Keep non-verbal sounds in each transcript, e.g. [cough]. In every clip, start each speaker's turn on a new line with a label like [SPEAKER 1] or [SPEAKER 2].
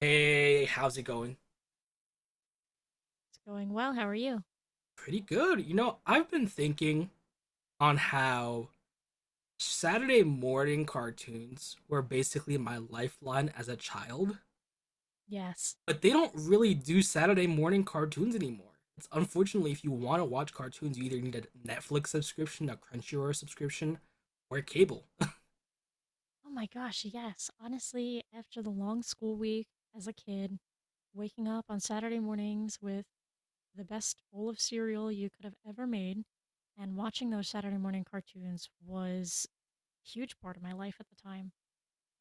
[SPEAKER 1] Hey, how's it going?
[SPEAKER 2] It's going well. How are you?
[SPEAKER 1] Pretty good. I've been thinking on how Saturday morning cartoons were basically my lifeline as a child,
[SPEAKER 2] Yes.
[SPEAKER 1] but they don't really do Saturday morning cartoons anymore. It's unfortunately, if you want to watch cartoons, you either need a Netflix subscription, a Crunchyroll subscription, or cable. [laughs]
[SPEAKER 2] Oh my gosh, yes. Honestly, after the long school week as a kid, waking up on Saturday mornings with the best bowl of cereal you could have ever made and watching those Saturday morning cartoons was a huge part of my life at the time.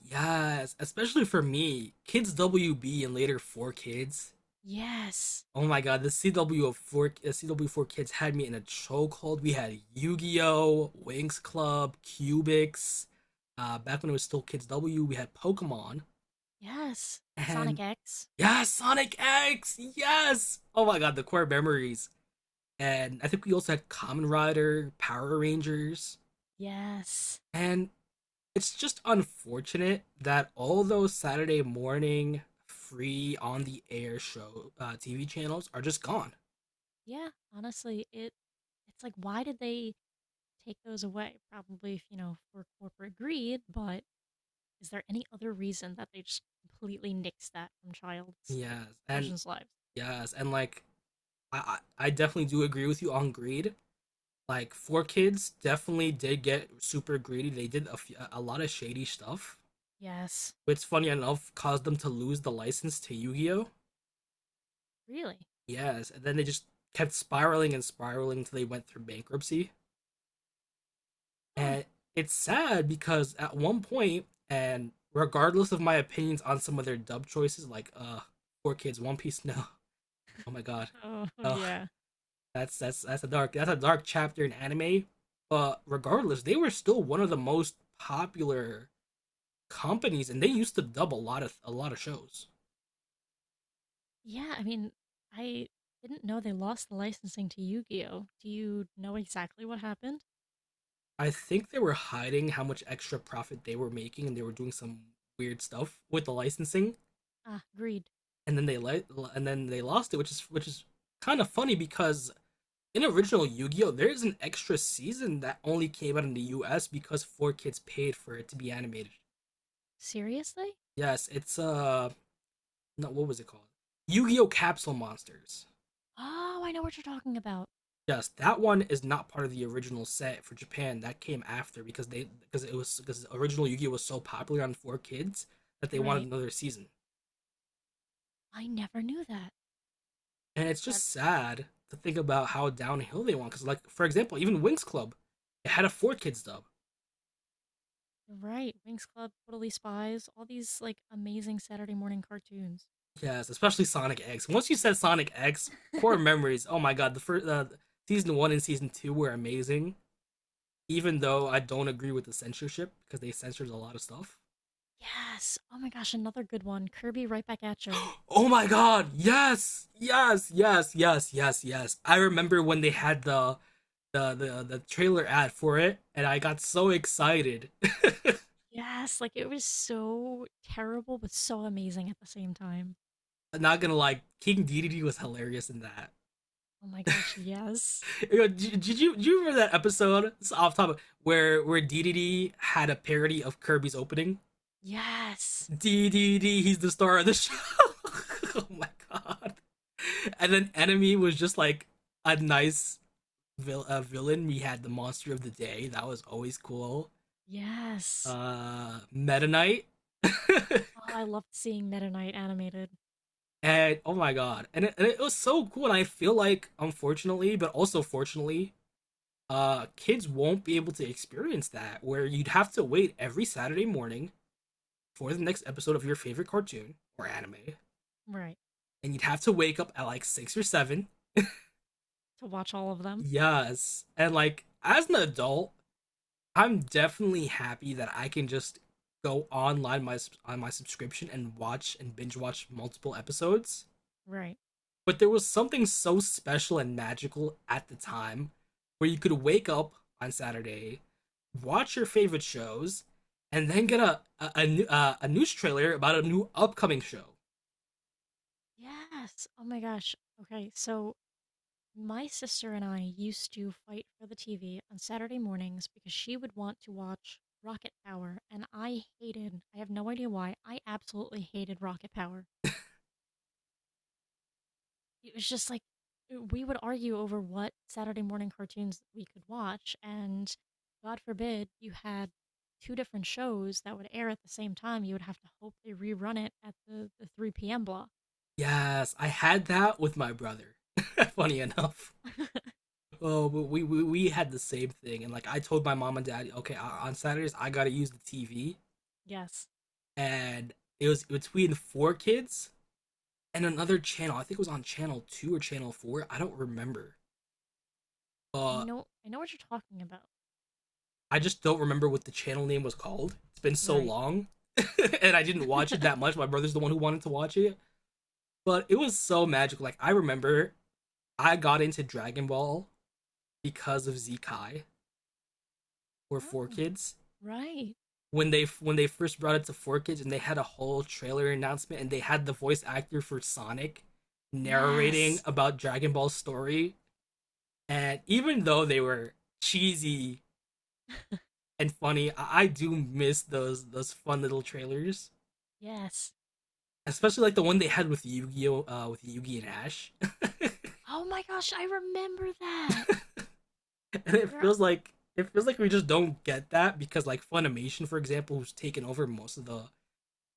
[SPEAKER 1] Yes, especially for me, Kids WB and later 4Kids.
[SPEAKER 2] Yes.
[SPEAKER 1] Oh my god, the CW of four, the CW four kids had me in a chokehold. We had Yu-Gi-Oh, Winx Club, Cubix. Back when it was still Kids W, we had Pokemon,
[SPEAKER 2] Yes. Sonic
[SPEAKER 1] and
[SPEAKER 2] X.
[SPEAKER 1] yeah, Sonic X. Yes. Oh my god, the core memories. And I think we also had Common Rider, Power Rangers,
[SPEAKER 2] Yes.
[SPEAKER 1] and it's just unfortunate that all those Saturday morning free on the air show TV channels are just gone.
[SPEAKER 2] Yeah, honestly, it's like why did they take those away? Probably, you know, for corporate greed, but is there any other reason that they just completely nixed that from child's like
[SPEAKER 1] Yes, and
[SPEAKER 2] children's lives?
[SPEAKER 1] Yes, and like I definitely do agree with you on greed. Like four kids definitely did get super greedy. They did a lot of shady stuff,
[SPEAKER 2] Yes.
[SPEAKER 1] which funny enough caused them to lose the license to Yu-Gi-Oh.
[SPEAKER 2] Really?
[SPEAKER 1] Yes, and then they just kept spiraling and spiraling until they went through bankruptcy.
[SPEAKER 2] Huh.
[SPEAKER 1] And
[SPEAKER 2] [laughs]
[SPEAKER 1] it's sad because at one point, and regardless of my opinions on some of their dub choices, like four kids, One Piece, [laughs] no, oh my god,
[SPEAKER 2] Oh,
[SPEAKER 1] uh,
[SPEAKER 2] yeah.
[SPEAKER 1] that's a dark chapter in anime. But regardless, they were still one of the most popular companies, and they used to dub a lot of shows.
[SPEAKER 2] Yeah, I mean, I didn't know they lost the licensing to Yu-Gi-Oh. Do you know exactly what happened?
[SPEAKER 1] I think they were hiding how much extra profit they were making, and they were doing some weird stuff with the licensing.
[SPEAKER 2] Ah, greed.
[SPEAKER 1] And then they let and then they lost it, which is kind of funny because in original Yu-Gi-Oh, there's an extra season that only came out in the U.S. because four kids paid for it to be animated.
[SPEAKER 2] Seriously?
[SPEAKER 1] Yes, it's no, what was it called? Yu-Gi-Oh! Capsule Monsters.
[SPEAKER 2] Oh, I know what you're talking about.
[SPEAKER 1] Yes, that one is not part of the original set for Japan. That came after because the original Yu-Gi-Oh was so popular on Four Kids that they wanted
[SPEAKER 2] Right.
[SPEAKER 1] another season.
[SPEAKER 2] I never knew that.
[SPEAKER 1] And it's
[SPEAKER 2] That
[SPEAKER 1] just sad to think about how downhill they went. Because like for example, even Winx Club, it had a Four Kids dub.
[SPEAKER 2] right. Winx Club, Totally Spies, all these like amazing Saturday morning cartoons.
[SPEAKER 1] Yes, especially Sonic X. Once you said Sonic X, core
[SPEAKER 2] [laughs]
[SPEAKER 1] memories. Oh my god, the first season one and season two were amazing. Even though I don't agree with the censorship because they censored a lot of stuff.
[SPEAKER 2] Yes. Oh my gosh, another good one. Kirby right back at you.
[SPEAKER 1] [gasps] Oh my god, yes, yes, yes, yes, yes, yes. I remember when they had the trailer ad for it, and I got so excited. [laughs]
[SPEAKER 2] Yes, like it was so terrible but so amazing at the same time.
[SPEAKER 1] I'm not gonna lie, King Dedede was hilarious in that.
[SPEAKER 2] Oh my gosh, yes.
[SPEAKER 1] Did, you do you remember that episode? It's off topic, where Dedede had a parody of Kirby's opening.
[SPEAKER 2] Yes. [laughs]
[SPEAKER 1] Dedede, he's the star of the show. [laughs] Oh my god! And then Enemy was just like a nice villain. We had the monster of the day. That was always cool.
[SPEAKER 2] Yes.
[SPEAKER 1] Meta Knight. [laughs]
[SPEAKER 2] Oh, I loved seeing Meta Knight animated.
[SPEAKER 1] and Oh my god. And it was so cool. And I feel like, unfortunately, but also fortunately, kids won't be able to experience that, where you'd have to wait every Saturday morning for the next episode of your favorite cartoon or anime.
[SPEAKER 2] Right.
[SPEAKER 1] And you'd have to wake up at like six or seven.
[SPEAKER 2] To watch all of them.
[SPEAKER 1] Yes. And like, as an adult, I'm definitely happy that I can just go online my on my subscription and watch and binge watch multiple episodes.
[SPEAKER 2] Right.
[SPEAKER 1] But there was something so special and magical at the time where you could wake up on Saturday, watch your favorite shows, and then get a news trailer about a new upcoming show.
[SPEAKER 2] Yes. Oh my gosh. Okay, so my sister and I used to fight for the TV on Saturday mornings because she would want to watch Rocket Power, and I hated, I have no idea why, I absolutely hated Rocket Power. It was just like we would argue over what Saturday morning cartoons we could watch, and God forbid you had two different shows that would air at the same time. You would have to hope they rerun it at the 3 p.m. block.
[SPEAKER 1] Yes, I had that with my brother. [laughs] Funny enough.
[SPEAKER 2] [laughs]
[SPEAKER 1] Oh, but we had the same thing, and like I told my mom and dad, okay, on Saturdays I gotta use the TV,
[SPEAKER 2] Yes,
[SPEAKER 1] and it was between four kids and another channel. I think it was on channel two or channel four. I don't remember.
[SPEAKER 2] I
[SPEAKER 1] Uh,
[SPEAKER 2] know. I know what you're talking about.
[SPEAKER 1] I just don't remember what the channel name was called. It's been so
[SPEAKER 2] Right.
[SPEAKER 1] long, [laughs] and I didn't watch it that
[SPEAKER 2] [laughs]
[SPEAKER 1] much. My brother's the one who wanted to watch it, but it was so magical. Like I remember, I got into Dragon Ball because of Zekai or Four
[SPEAKER 2] Oh,
[SPEAKER 1] Kids,
[SPEAKER 2] right.
[SPEAKER 1] when they first brought it to Four Kids, and they had a whole trailer announcement and they had the voice actor for Sonic narrating
[SPEAKER 2] Yes.
[SPEAKER 1] about Dragon Ball's story. And even though they were cheesy
[SPEAKER 2] [laughs]
[SPEAKER 1] and funny, I do miss those fun little trailers,
[SPEAKER 2] Yes.
[SPEAKER 1] especially like the one they had with Yu-Gi-Oh, with Yu-Gi and Ash. [laughs]
[SPEAKER 2] Oh my gosh, I remember that.
[SPEAKER 1] and it
[SPEAKER 2] You're
[SPEAKER 1] feels like It feels like we just don't get that because like Funimation, for example, who's taken over most of the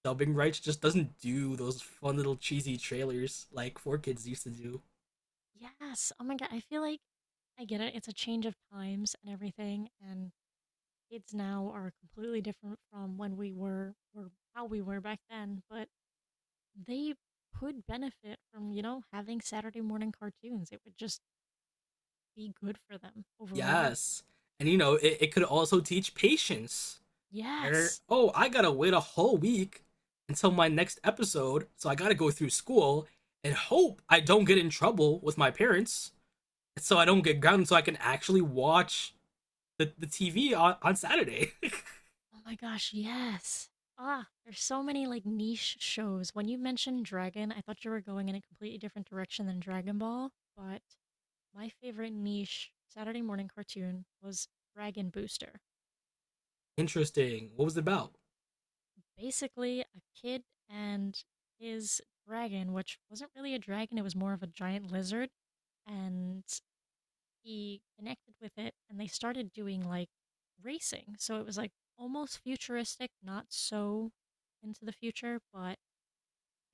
[SPEAKER 1] dubbing rights, just doesn't do those fun little cheesy trailers like Four Kids used to do.
[SPEAKER 2] yes. Oh my god, I feel like I get it. It's a change of times and everything, and kids now are completely different from when we were or how we were back then, but they could benefit from, you know, having Saturday morning cartoons. It would just be good for them overall.
[SPEAKER 1] Yes, and you know, it could also teach patience.
[SPEAKER 2] Yes.
[SPEAKER 1] Oh, I gotta wait a whole week until my next episode, so I gotta go through school and hope I don't get in trouble with my parents, so I don't get grounded, so I can actually watch the TV on Saturday. [laughs]
[SPEAKER 2] Oh my gosh, yes. Ah, there's so many like niche shows. When you mentioned Dragon, I thought you were going in a completely different direction than Dragon Ball, but my favorite niche Saturday morning cartoon was Dragon Booster.
[SPEAKER 1] Interesting. What was it about?
[SPEAKER 2] Basically a kid and his dragon, which wasn't really a dragon, it was more of a giant lizard. And he connected with it and they started doing like racing. So it was like almost futuristic, not so into the future, but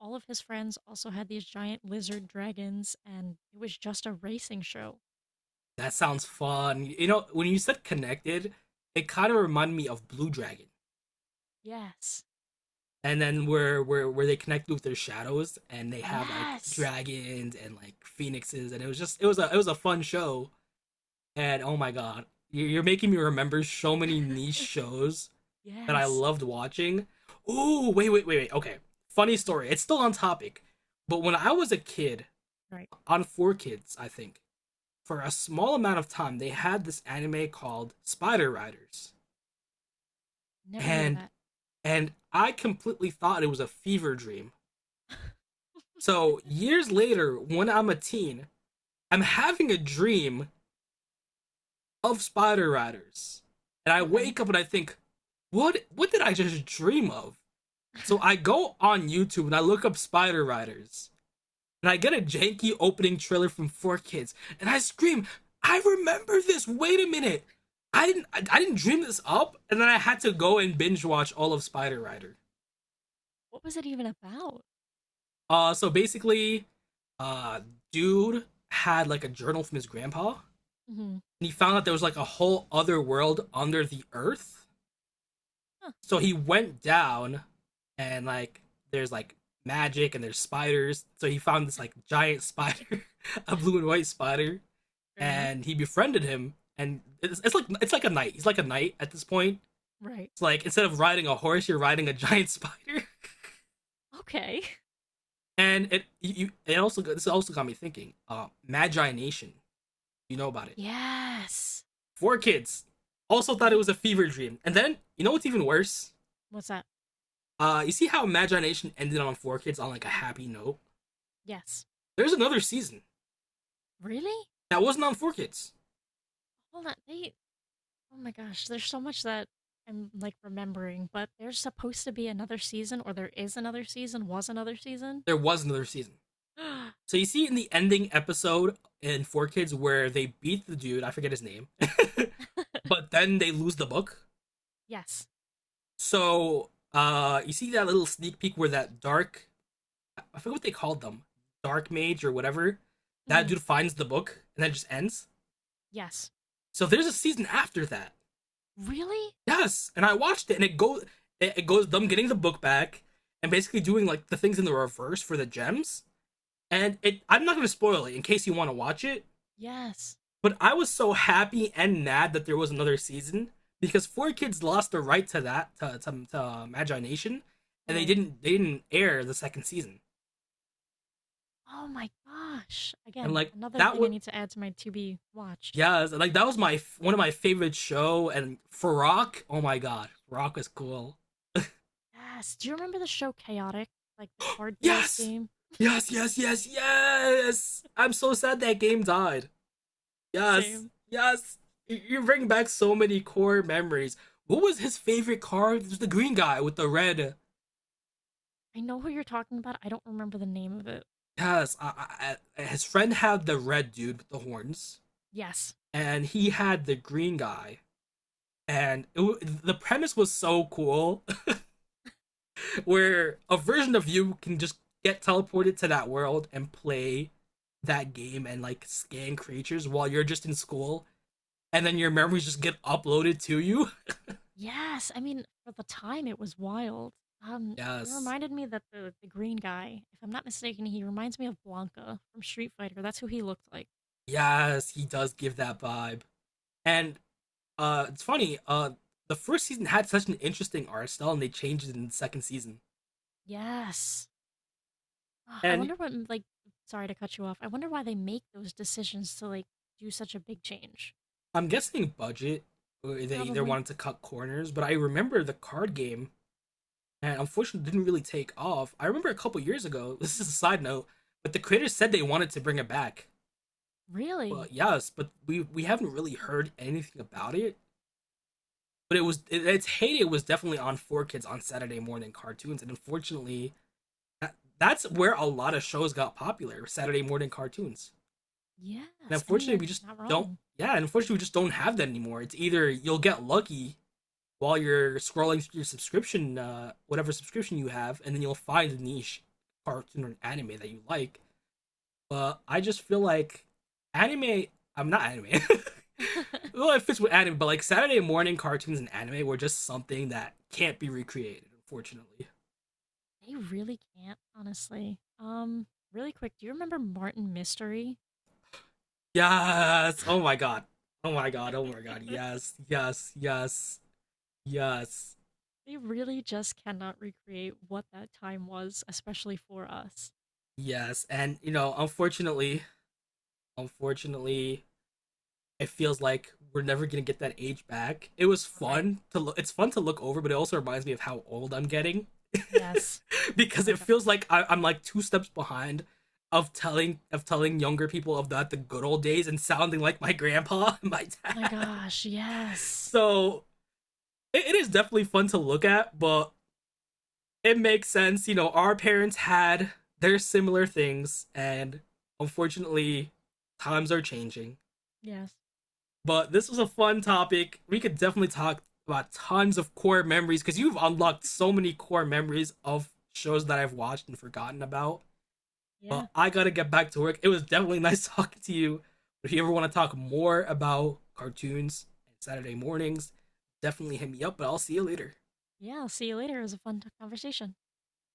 [SPEAKER 2] all of his friends also had these giant lizard dragons and it was just a racing show.
[SPEAKER 1] That sounds fun. You know, when you said connected, it kind of reminded me of Blue Dragon.
[SPEAKER 2] Yes.
[SPEAKER 1] And then where they connect with their shadows, and they have like
[SPEAKER 2] Yes.
[SPEAKER 1] dragons and like phoenixes, and it was just it was a fun show. And oh my god, you- are making me remember so many niche
[SPEAKER 2] [laughs]
[SPEAKER 1] shows that I
[SPEAKER 2] Yes.
[SPEAKER 1] loved watching. Ooh, wait, wait, wait, wait. Okay, funny
[SPEAKER 2] Okay.
[SPEAKER 1] story. It's still on topic, but when I was a kid
[SPEAKER 2] All right.
[SPEAKER 1] on Four Kids, I think for a small amount of time they had this anime called Spider Riders,
[SPEAKER 2] Never heard of
[SPEAKER 1] and
[SPEAKER 2] that.
[SPEAKER 1] and I completely thought it was a fever dream. So years later, when I'm a teen, I'm having a dream of Spider Riders. And I
[SPEAKER 2] [laughs] Okay.
[SPEAKER 1] wake up and I think, what did I just dream of? So
[SPEAKER 2] [laughs]
[SPEAKER 1] I go on YouTube and I look up Spider Riders. And I get a janky opening trailer from four kids. And I scream, I remember this. Wait a minute. I didn't dream this up. And then I had to go and binge watch all of Spider Rider.
[SPEAKER 2] What was it even about?
[SPEAKER 1] So basically, uh dude had like a journal from his grandpa.
[SPEAKER 2] Hmm.
[SPEAKER 1] And he found out there was like a whole other world under the earth.
[SPEAKER 2] Huh.
[SPEAKER 1] So he went down, and like there's like magic and there's spiders. So he found this like giant spider, [laughs] a blue and white spider,
[SPEAKER 2] Fair enough.
[SPEAKER 1] and he befriended him. And it's like a knight. He's like a knight at this point.
[SPEAKER 2] Right.
[SPEAKER 1] It's like instead of riding a horse, you're riding a [laughs] giant spider.
[SPEAKER 2] Okay. [laughs]
[SPEAKER 1] And it you it also this also got me thinking. Magi Nation, you know about it?
[SPEAKER 2] Yes.
[SPEAKER 1] Four kids also thought it
[SPEAKER 2] R-
[SPEAKER 1] was a fever dream. And then you know what's even worse?
[SPEAKER 2] What's that?
[SPEAKER 1] You see how Magi Nation ended on Four Kids on like a happy note.
[SPEAKER 2] Yes.
[SPEAKER 1] There's another season
[SPEAKER 2] Really?
[SPEAKER 1] that wasn't on Four Kids.
[SPEAKER 2] Hold on. They. Oh my gosh. There's so much that I'm like remembering, but there's supposed to be another season, or there is another season. Was another season?
[SPEAKER 1] There
[SPEAKER 2] [gasps]
[SPEAKER 1] was another season. So you see in the ending episode in Four Kids where they beat the dude, I forget his name, [laughs] but then they lose the book.
[SPEAKER 2] Yes.
[SPEAKER 1] So you see that little sneak peek where that dark, I forget what they called them, dark mage or whatever, that
[SPEAKER 2] Hmm.
[SPEAKER 1] dude finds the book and then just ends.
[SPEAKER 2] Yes.
[SPEAKER 1] So there's a season after that.
[SPEAKER 2] Really?
[SPEAKER 1] Yes, and I watched it, and it goes them getting the book back and basically doing like the things in the reverse for the gems, and it, I'm not gonna spoil it in case you want to watch it.
[SPEAKER 2] Yes.
[SPEAKER 1] But I was so happy and mad that there was another season because Four Kids lost the right to that, to Magi Nation, and they
[SPEAKER 2] Right.
[SPEAKER 1] didn't they didn't air the second season.
[SPEAKER 2] Oh my gosh.
[SPEAKER 1] And
[SPEAKER 2] Again,
[SPEAKER 1] like
[SPEAKER 2] another
[SPEAKER 1] that
[SPEAKER 2] thing I
[SPEAKER 1] was,
[SPEAKER 2] need to add to my to be watched.
[SPEAKER 1] yeah, like that was my one of my favorite show. And Farrakh, oh my god, Farrakh is cool.
[SPEAKER 2] Yes. Do you remember the show Chaotic? Like the card based
[SPEAKER 1] Yes,
[SPEAKER 2] game?
[SPEAKER 1] yes. I'm so sad that game died. Yes,
[SPEAKER 2] Same.
[SPEAKER 1] yes. You- You bring back so many core memories. What was his favorite car? It was the green guy with the red.
[SPEAKER 2] I know who you're talking about. I don't remember the name of it.
[SPEAKER 1] Yes, I- his friend had the red dude with the horns,
[SPEAKER 2] Yes.
[SPEAKER 1] and he had the green guy. And the premise was so cool, [laughs] where a version of you can just get teleported to that world and play that game and like scan creatures while you're just in school, and then your memories just get uploaded to you. [laughs]
[SPEAKER 2] Yes. I mean, for the time, it was wild. You
[SPEAKER 1] Yes.
[SPEAKER 2] reminded me that the green guy, if I'm not mistaken, he reminds me of Blanca from Street Fighter. That's who he looked like.
[SPEAKER 1] Yes, he does give that vibe. And it's funny, the first season had such an interesting art style and they changed it in the second season.
[SPEAKER 2] Yes. Ah, I
[SPEAKER 1] And
[SPEAKER 2] wonder what, like, sorry to cut you off. I wonder why they make those decisions to, like, do such a big change.
[SPEAKER 1] I'm guessing budget or they either
[SPEAKER 2] Probably.
[SPEAKER 1] wanted to cut corners, but I remember the card game and unfortunately didn't really take off. I remember a couple years ago, [laughs] this is a side note, but the creators said they wanted to bring it back. Well,
[SPEAKER 2] Really?
[SPEAKER 1] yes, but we haven't really heard anything about it. But it was, its heyday was definitely on four kids on Saturday morning cartoons, and unfortunately, that's where a lot of shows got popular. Saturday morning cartoons. And
[SPEAKER 2] Yes. I mean,
[SPEAKER 1] unfortunately, we
[SPEAKER 2] you're
[SPEAKER 1] just
[SPEAKER 2] not
[SPEAKER 1] don't.
[SPEAKER 2] wrong.
[SPEAKER 1] Yeah, unfortunately, we just don't have that anymore. It's either you'll get lucky while you're scrolling through your subscription, whatever subscription you have, and then you'll find a niche cartoon or anime that you like. But I just feel like anime. I'm not anime. [laughs]
[SPEAKER 2] [laughs] They
[SPEAKER 1] Well, it fits with anime, but like Saturday morning cartoons and anime were just something that can't be recreated, unfortunately.
[SPEAKER 2] really can't, honestly. Really quick, do you remember Martin Mystery?
[SPEAKER 1] Yes. Oh
[SPEAKER 2] [laughs]
[SPEAKER 1] my god. Oh my god. Oh my god. Yes. Yes. Yes. Yes.
[SPEAKER 2] They really just cannot recreate what that time was, especially for us.
[SPEAKER 1] Yes. And you know, unfortunately, unfortunately, it feels like we're never gonna get that age back. It was
[SPEAKER 2] Right.
[SPEAKER 1] fun to look. It's fun to look over, but it also reminds me of how old I'm getting, [laughs]
[SPEAKER 2] Yes. Oh
[SPEAKER 1] because
[SPEAKER 2] my
[SPEAKER 1] it feels
[SPEAKER 2] gosh.
[SPEAKER 1] like I'm like two steps behind of telling younger people of that the good old days and sounding like my grandpa [laughs] and my
[SPEAKER 2] Oh my
[SPEAKER 1] dad.
[SPEAKER 2] gosh. Yes.
[SPEAKER 1] So it is definitely fun to look at, but it makes sense. You know, our parents had their similar things, and unfortunately, times are changing.
[SPEAKER 2] Yes.
[SPEAKER 1] But this was a fun topic. We could definitely talk about tons of core memories because you've unlocked so many core memories of shows that I've watched and forgotten about.
[SPEAKER 2] Yeah.
[SPEAKER 1] But I gotta get back to work. It was definitely [laughs] nice talking to you. If you ever want to talk more about cartoons and Saturday mornings, definitely hit me up. But I'll see you later.
[SPEAKER 2] Yeah. I'll see you later. It was a fun conversation.